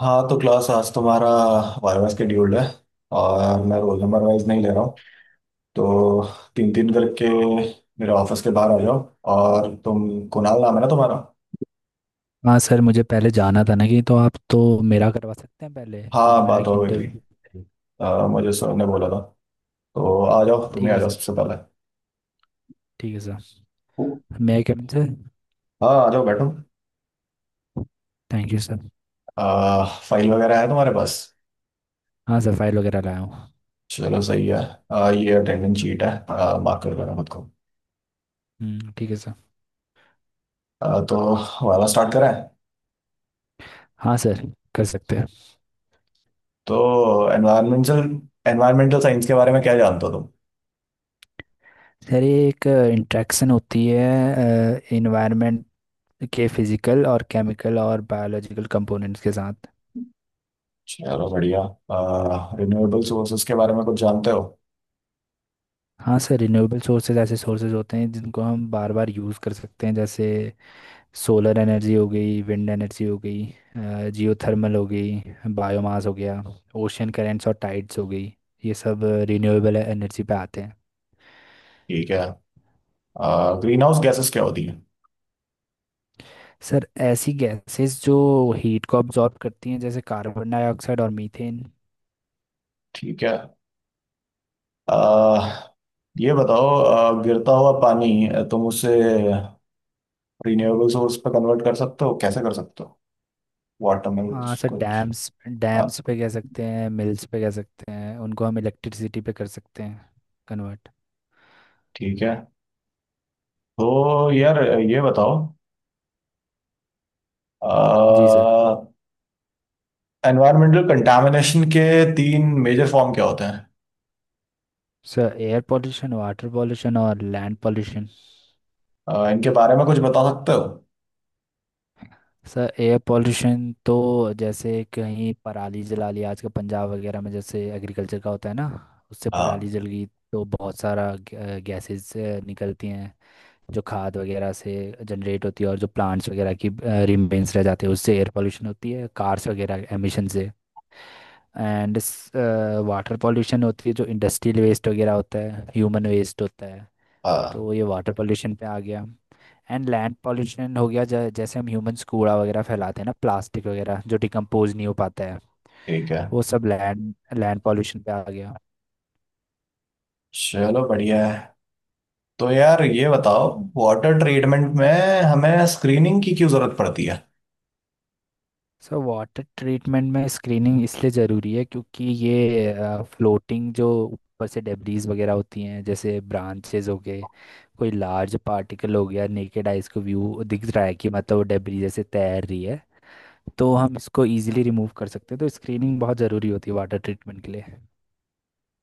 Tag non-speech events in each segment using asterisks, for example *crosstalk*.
हाँ, तो क्लास आज तुम्हारा वायवा शेड्यूल्ड है। और मैं रोल नंबर वाइज नहीं ले रहा हूँ, तो तीन तीन करके मेरे ऑफिस के बाहर आ जाओ। और तुम, कुणाल नाम है ना तुम्हारा? हाँ सर, मुझे पहले जाना था ना कि, तो आप तो मेरा करवा सकते हैं पहले, क्योंकि हाँ, मेरा बात एक हो गई थी। इंटरव्यू। मुझे सर ने बोला था। तो आ जाओ, तुम ठीक ही आ है जाओ सर। सबसे पहले। ठीक है सर। मैं कैबिन सर। हाँ, आ जाओ, बैठो। Thank you sir. फाइल वगैरह है तुम्हारे पास? हाँ सर, फाइल वगैरह लाया हूँ। चलो, सही है। ये अटेंडेंस शीट है। मार्क कर देना खुद को। ठीक है सर। तो वाला स्टार्ट करें? हाँ सर, कर सकते हैं। तो एनवायरमेंटल एनवायरमेंटल साइंस के बारे में क्या जानते हो तुम? सर ये एक इंट्रैक्शन होती है इन्वायरमेंट के फिजिकल और केमिकल और बायोलॉजिकल कंपोनेंट्स के साथ। चलो, बढ़िया। रिन्यूएबल सोर्सेज के बारे में कुछ जानते हो? हाँ सर, रिन्यूएबल सोर्सेज ऐसे सोर्सेज होते हैं जिनको हम बार बार यूज़ कर सकते हैं, जैसे सोलर एनर्जी हो गई, विंड एनर्जी हो गई, जियो थर्मल हो गई, बायोमास हो गया, ओशियन करेंट्स और टाइड्स हो गई। ये सब रिन्यूएबल एनर्जी पे आते हैं। ठीक है। ग्रीन हाउस गैसेस क्या होती है? सर ऐसी गैसेस जो हीट को अब्जॉर्ब करती हैं, जैसे कार्बन डाइऑक्साइड और मीथेन। ठीक है। अह, ये बताओ, गिरता हुआ पानी, तुम उसे रिन्यूएबल सोर्स पे कन्वर्ट कर सकते हो, कैसे कर सकते हो? वाटर में हाँ कुछ सर, कुछ। डैम्स डैम्स हाँ, पे कह सकते हैं, मिल्स पे कह सकते हैं, उनको हम इलेक्ट्रिसिटी पे कर सकते हैं कन्वर्ट। ठीक है। तो यार, ये बताओ, जी सर। एनवायरमेंटल कंटामिनेशन के तीन मेजर फॉर्म क्या होते हैं? Sir air pollution, water pollution और लैंड पॉल्यूशन। इनके बारे में कुछ बता सकते हो? सर एयर पोल्यूशन तो जैसे कहीं पराली जला लिया आजकल पंजाब वगैरह में, जैसे एग्रीकल्चर का होता है ना, उससे पराली हाँ, जल गई, तो बहुत सारा गैसेस निकलती हैं जो खाद वगैरह से जनरेट होती है, और जो प्लांट्स वगैरह की रिमेन्स रह जाते हैं उससे एयर पोल्यूशन होती है, कार्स वगैरह एमिशन से। एंड वाटर पोल्यूशन होती है जो इंडस्ट्रियल वेस्ट वगैरह होता है, ह्यूमन वेस्ट होता है, हाँ, तो ये वाटर पोल्यूशन पे आ गया। एंड लैंड पॉल्यूशन हो गया जैसे हम ह्यूमंस कूड़ा वगैरह फैलाते हैं ना, प्लास्टिक वगैरह जो डिकम्पोज नहीं हो पाता है, ठीक है। वो सब लैंड लैंड पॉल्यूशन पे आ गया। चलो, बढ़िया है। तो यार, ये बताओ, वाटर ट्रीटमेंट में हमें स्क्रीनिंग की क्यों जरूरत पड़ती है? सो वाटर ट्रीटमेंट में स्क्रीनिंग इसलिए ज़रूरी है क्योंकि ये फ्लोटिंग जो ऊपर से डेब्रीज वगैरह होती हैं, जैसे ब्रांचेज हो गए, कोई लार्ज पार्टिकल हो गया, नेकेड आइज को व्यू दिख रहा है कि मतलब वो डेब्रीज जैसे तैर रही है, तो हम इसको इजीली रिमूव कर सकते हैं। तो स्क्रीनिंग बहुत ज़रूरी होती है वाटर ट्रीटमेंट के लिए।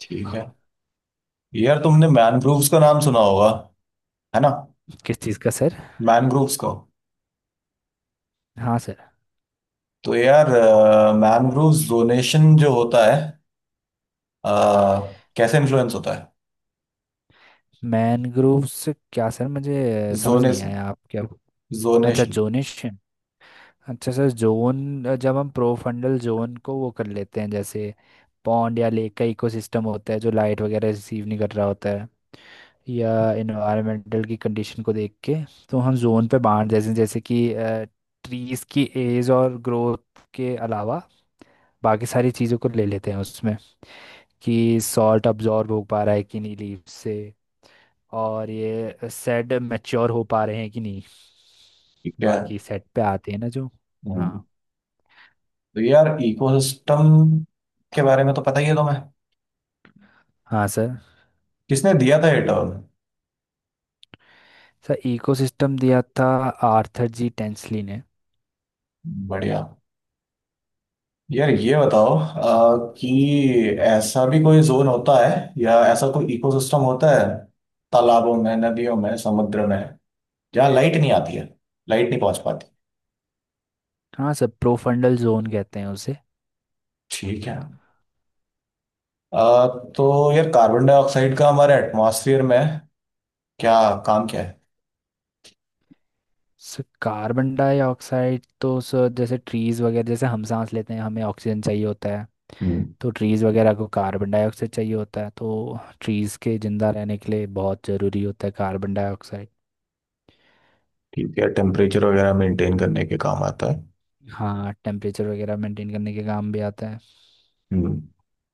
ठीक है। यार, तुमने मैनग्रोव्स का नाम सुना होगा, है ना? किस चीज़ का सर? मैनग्रोव्स को। हाँ सर। तो यार, मैनग्रोव्स जोनेशन जो होता है, अ, कैसे इन्फ्लुएंस होता है? मैनग्रोव्स क्या सर? मुझे समझ नहीं जोनेस आया आप क्या। अच्छा, जोनेशन जोनिश। अच्छा सर, जोन, जब हम प्रोफंडल जोन को वो कर लेते हैं, जैसे पॉन्ड या लेक का इकोसिस्टम होता है जो लाइट वगैरह रिसीव नहीं कर रहा होता है, या इन्वायरमेंटल की कंडीशन को देख के, तो हम जोन पे बांट देते हैं। जैसे कि ट्रीज की एज और ग्रोथ के अलावा बाकी सारी चीज़ों को ले लेते हैं उसमें, कि सॉल्ट अब्जॉर्ब हो पा रहा है कि नहीं लीफ से, और ये सेड मैच्योर हो पा रहे हैं कि नहीं। ठीक है। बाकी सेट पे आते हैं ना जो। हम्म। हाँ। तो यार, इकोसिस्टम के बारे में तो पता ही है तुम्हें। हाँ सर। किसने दिया था ये टर्म? सर इकोसिस्टम दिया था आर्थर जी टेंसली ने। बढ़िया। यार, ये बताओ, कि ऐसा भी कोई जोन होता है, या ऐसा कोई इकोसिस्टम होता है, तालाबों में, नदियों में, समुद्र में, जहाँ लाइट नहीं आती है, लाइट नहीं पहुंच पाती? हाँ सर, प्रोफंडल जोन कहते हैं उसे। ठीक है। अ, तो यार, कार्बन डाइऑक्साइड का हमारे एटमॉस्फेयर में क्या काम क्या है? सर कार्बन डाइऑक्साइड तो सर, जैसे ट्रीज वगैरह, जैसे हम सांस लेते हैं हमें ऑक्सीजन चाहिए होता है। हम्म। तो ट्रीज़ वगैरह को कार्बन डाइऑक्साइड चाहिए होता है, तो ट्रीज़ के ज़िंदा रहने के लिए बहुत ज़रूरी होता है कार्बन डाइऑक्साइड। ठीक है, टेम्परेचर वगैरह मेंटेन करने के काम आता है। हाँ, टेम्परेचर वगैरह मेंटेन करने के काम भी आता है। हम्म।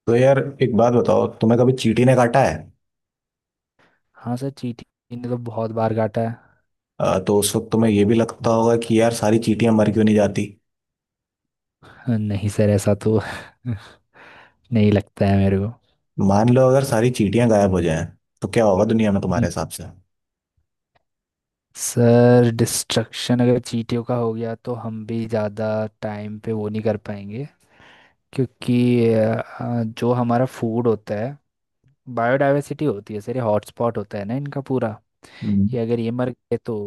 तो यार, एक बात बताओ, तुम्हें कभी चींटी ने काटा है? हाँ सर, चींटी ने तो बहुत बार काटा है। तो उस वक्त तुम्हें ये भी लगता होगा कि यार, सारी चींटियां मर क्यों नहीं जाती? नहीं सर, ऐसा तो *laughs* नहीं लगता है मेरे को। मान लो अगर सारी चींटियां गायब हो जाएं, तो क्या होगा दुनिया में, हम्म, तुम्हारे हिसाब से? सर डिस्ट्रक्शन अगर चींटियों का हो गया, तो हम भी ज़्यादा टाइम पे वो नहीं कर पाएंगे, क्योंकि जो हमारा फूड होता है, बायोडाइवर्सिटी होती है सर, ये हॉटस्पॉट होता है ना इनका पूरा। हम्म। कि अगर ये मर गए तो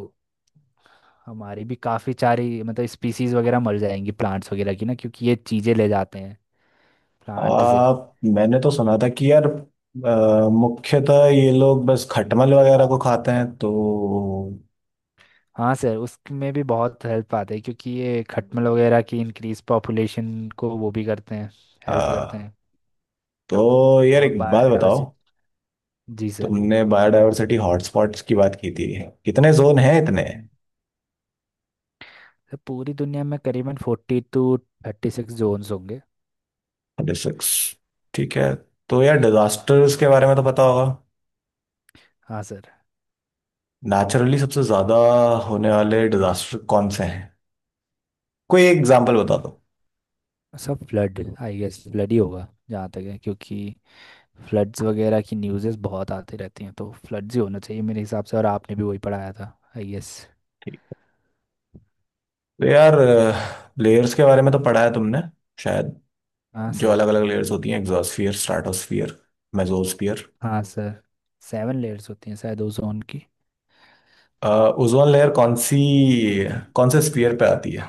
हमारी भी काफ़ी सारी मतलब स्पीसीज वगैरह मर जाएंगी, प्लांट्स वगैरह की ना, क्योंकि ये चीज़ें ले जाते हैं प्लांट से। आ, मैंने तो सुना था कि यार, मुख्यतः ये लोग बस खटमल वगैरह को खाते हैं तो। हाँ सर, उसमें भी बहुत हेल्प आते हैं, क्योंकि ये खटमल वगैरह की इंक्रीज पॉपुलेशन को वो भी करते हैं, हेल्प करते आ, हैं। तो यार, और एक बात बताओ, बायोडाइवर्सिटी। जी सर। तुमने बायोडायवर्सिटी हॉटस्पॉट्स की बात की थी, कितने जोन हैं इतने? हम्म। सर पूरी दुनिया में करीबन 42, 36 जोन्स होंगे। सिक्स। ठीक है। तो यार, डिजास्टर्स के बारे में तो पता होगा। हाँ सर। नेचुरली सबसे ज्यादा होने वाले डिजास्टर कौन से हैं? कोई एग्जांपल बता दो। सब फ्लड आई गेस, फ्लड ही होगा जहाँ तक है, क्योंकि फ्लड्स वगैरह की न्यूज़ेस बहुत आती रहती हैं, तो फ्लड्स ही होना चाहिए मेरे हिसाब से, और आपने भी वही पढ़ाया था आई गेस। तो यार, लेयर्स के बारे में तो पढ़ा है तुमने, शायद। हाँ जो सर। अलग अलग लेयर्स होती हैं, एग्जोस्फियर, स्ट्राटोस्फियर, मेसोस्फियर। हाँ सर। 7 लेयर्स होती हैं शायद ओजोन की। ओजोन लेयर कौन सी, कौन से स्फीयर पे आती है?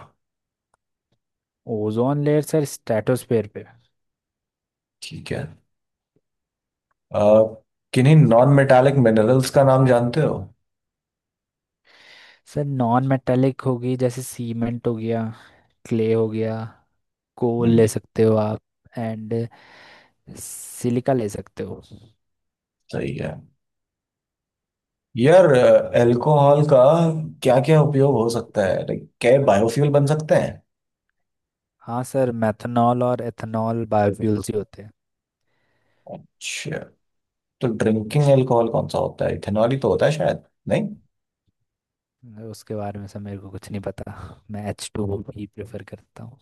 ओजोन लेयर सर स्ट्रेटोस्फेयर पे। ठीक है। अ, किन्हीं नॉन मेटालिक मिनरल्स का नाम जानते हो? सर नॉन मेटालिक होगी, जैसे सीमेंट हो गया, क्ले हो गया, कोल हम्म, ले सकते हो आप, एंड सिलिका ले सकते हो। सही है। यार, अल्कोहल का क्या क्या उपयोग हो सकता है, लाइक क्या बायोफ्यूल बन सकते हैं? हाँ सर, मेथनॉल और एथनॉल बायोफ्यूल्स ही होते। अच्छा, तो ड्रिंकिंग अल्कोहल कौन सा होता है, इथेनॉल ही तो होता है शायद? नहीं। हैं उसके बारे में सर मेरे को कुछ नहीं पता, मैं H2 ही प्रेफर करता हूँ।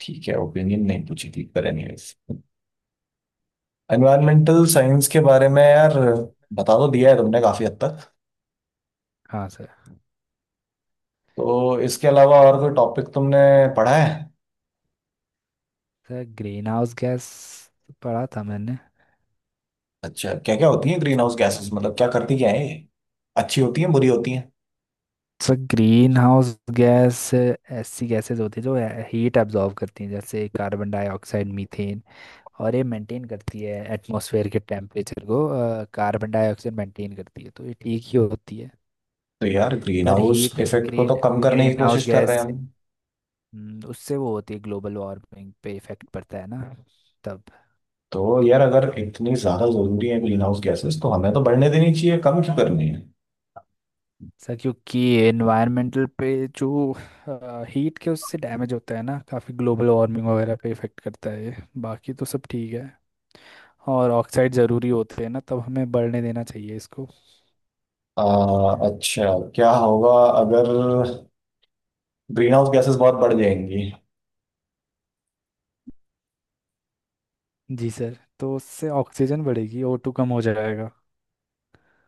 ठीक है, ओपिनियन नहीं पूछी थी, पर एनीवेज। एनवायरमेंटल साइंस के बारे में यार, बता तो दिया है तुमने काफी हद तक। हाँ सर। तो इसके अलावा और कोई टॉपिक तुमने पढ़ा है? सर ग्रीन हाउस गैस पढ़ा था मैंने। अच्छा, क्या क्या होती है ग्रीन हाउस क्या क्या? गैसेस, मतलब क्या करती क्या है ये? अच्छी होती है, बुरी होती है? सर ग्रीन हाउस गैस ऐसी गैसेस होती है जो हीट एब्जॉर्ब करती हैं, जैसे कार्बन डाइऑक्साइड, मीथेन, और ये मेंटेन करती है एटमॉस्फेयर के टेम्परेचर को। कार्बन डाइऑक्साइड मेंटेन करती है तो ये ठीक ही होती है। तो यार, ग्रीन पर हाउस हीट इफेक्ट को तो ग्रीन कम करने की ग्रीन हाउस कोशिश कर रहे गैस हैं से- हम। उससे वो होती है, ग्लोबल वार्मिंग पे इफेक्ट पड़ता है ना तब। तो यार, अगर इतनी ज्यादा जरूरी है ग्रीन हाउस गैसेस, तो हमें तो बढ़ने देनी चाहिए, कम क्यों करनी है? सर क्योंकि एनवायरमेंटल पे जो हीट के उससे डैमेज होता है ना काफ़ी, ग्लोबल वार्मिंग वगैरह पे इफेक्ट करता है ये, बाकी तो सब ठीक है। और ऑक्साइड ज़रूरी होते हैं ना तब हमें बढ़ने देना चाहिए इसको। आ, अच्छा, क्या होगा अगर ग्रीन हाउस गैसेस बहुत बढ़ जाएंगी? जी सर, तो उससे ऑक्सीजन बढ़ेगी, O2 कम हो जाएगा।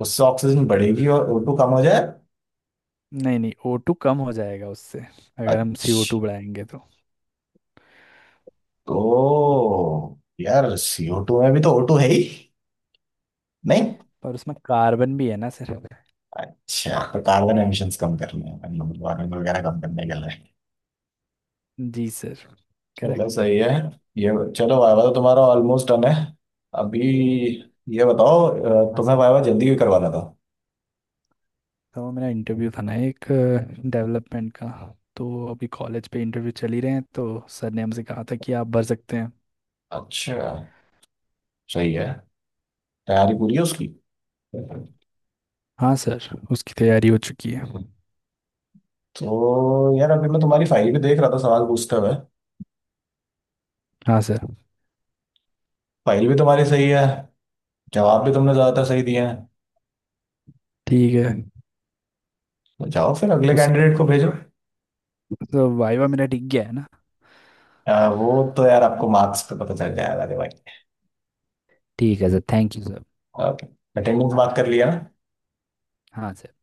उससे ऑक्सीजन बढ़ेगी और ओ2 कम हो जाए? नहीं नहीं, O2 कम हो जाएगा उससे, अगर हम सी ओ अच्छा, टू बढ़ाएंगे तो। ओ यार, सीओ टू में भी तो O2 है ही नहीं? पर उसमें कार्बन भी है ना सर। अच्छा, तो कार्बन एमिशंस कम करने हैं, वार्मिंग वगैरह कम करने के लिए। जी सर, चलो, करेक्ट। सही है। ये, चलो वाइवा तो तुम्हारा ऑलमोस्ट डन है। अभी ये बताओ, हाँ तुम्हें सर, वाइवा जल्दी भी करवाना था? तो मेरा इंटरव्यू था ना एक डेवलपमेंट का, तो अभी कॉलेज पे इंटरव्यू चल ही रहे हैं, तो सर ने हमसे कहा था कि आप भर सकते हैं। अच्छा, सही है। तैयारी पूरी है उसकी? हाँ सर, उसकी तैयारी हो चुकी है। तो यार, अभी मैं तुम्हारी फाइल भी देख रहा था सवाल पूछते हुए। हाँ सर। फाइल भी तुम्हारी सही है, जवाब भी तुमने ज्यादातर सही दिए हैं। ठीक है तो जाओ फिर, अगले तो सर, कैंडिडेट को भेजो। तो वाइवा मेरा टिक गया है ना? वो तो यार, आपको मार्क्स पे पता चल जाएगा, अरे भाई। ठीक है sir, thank you sir. Attendance बात कर लिया ना? हाँ सर।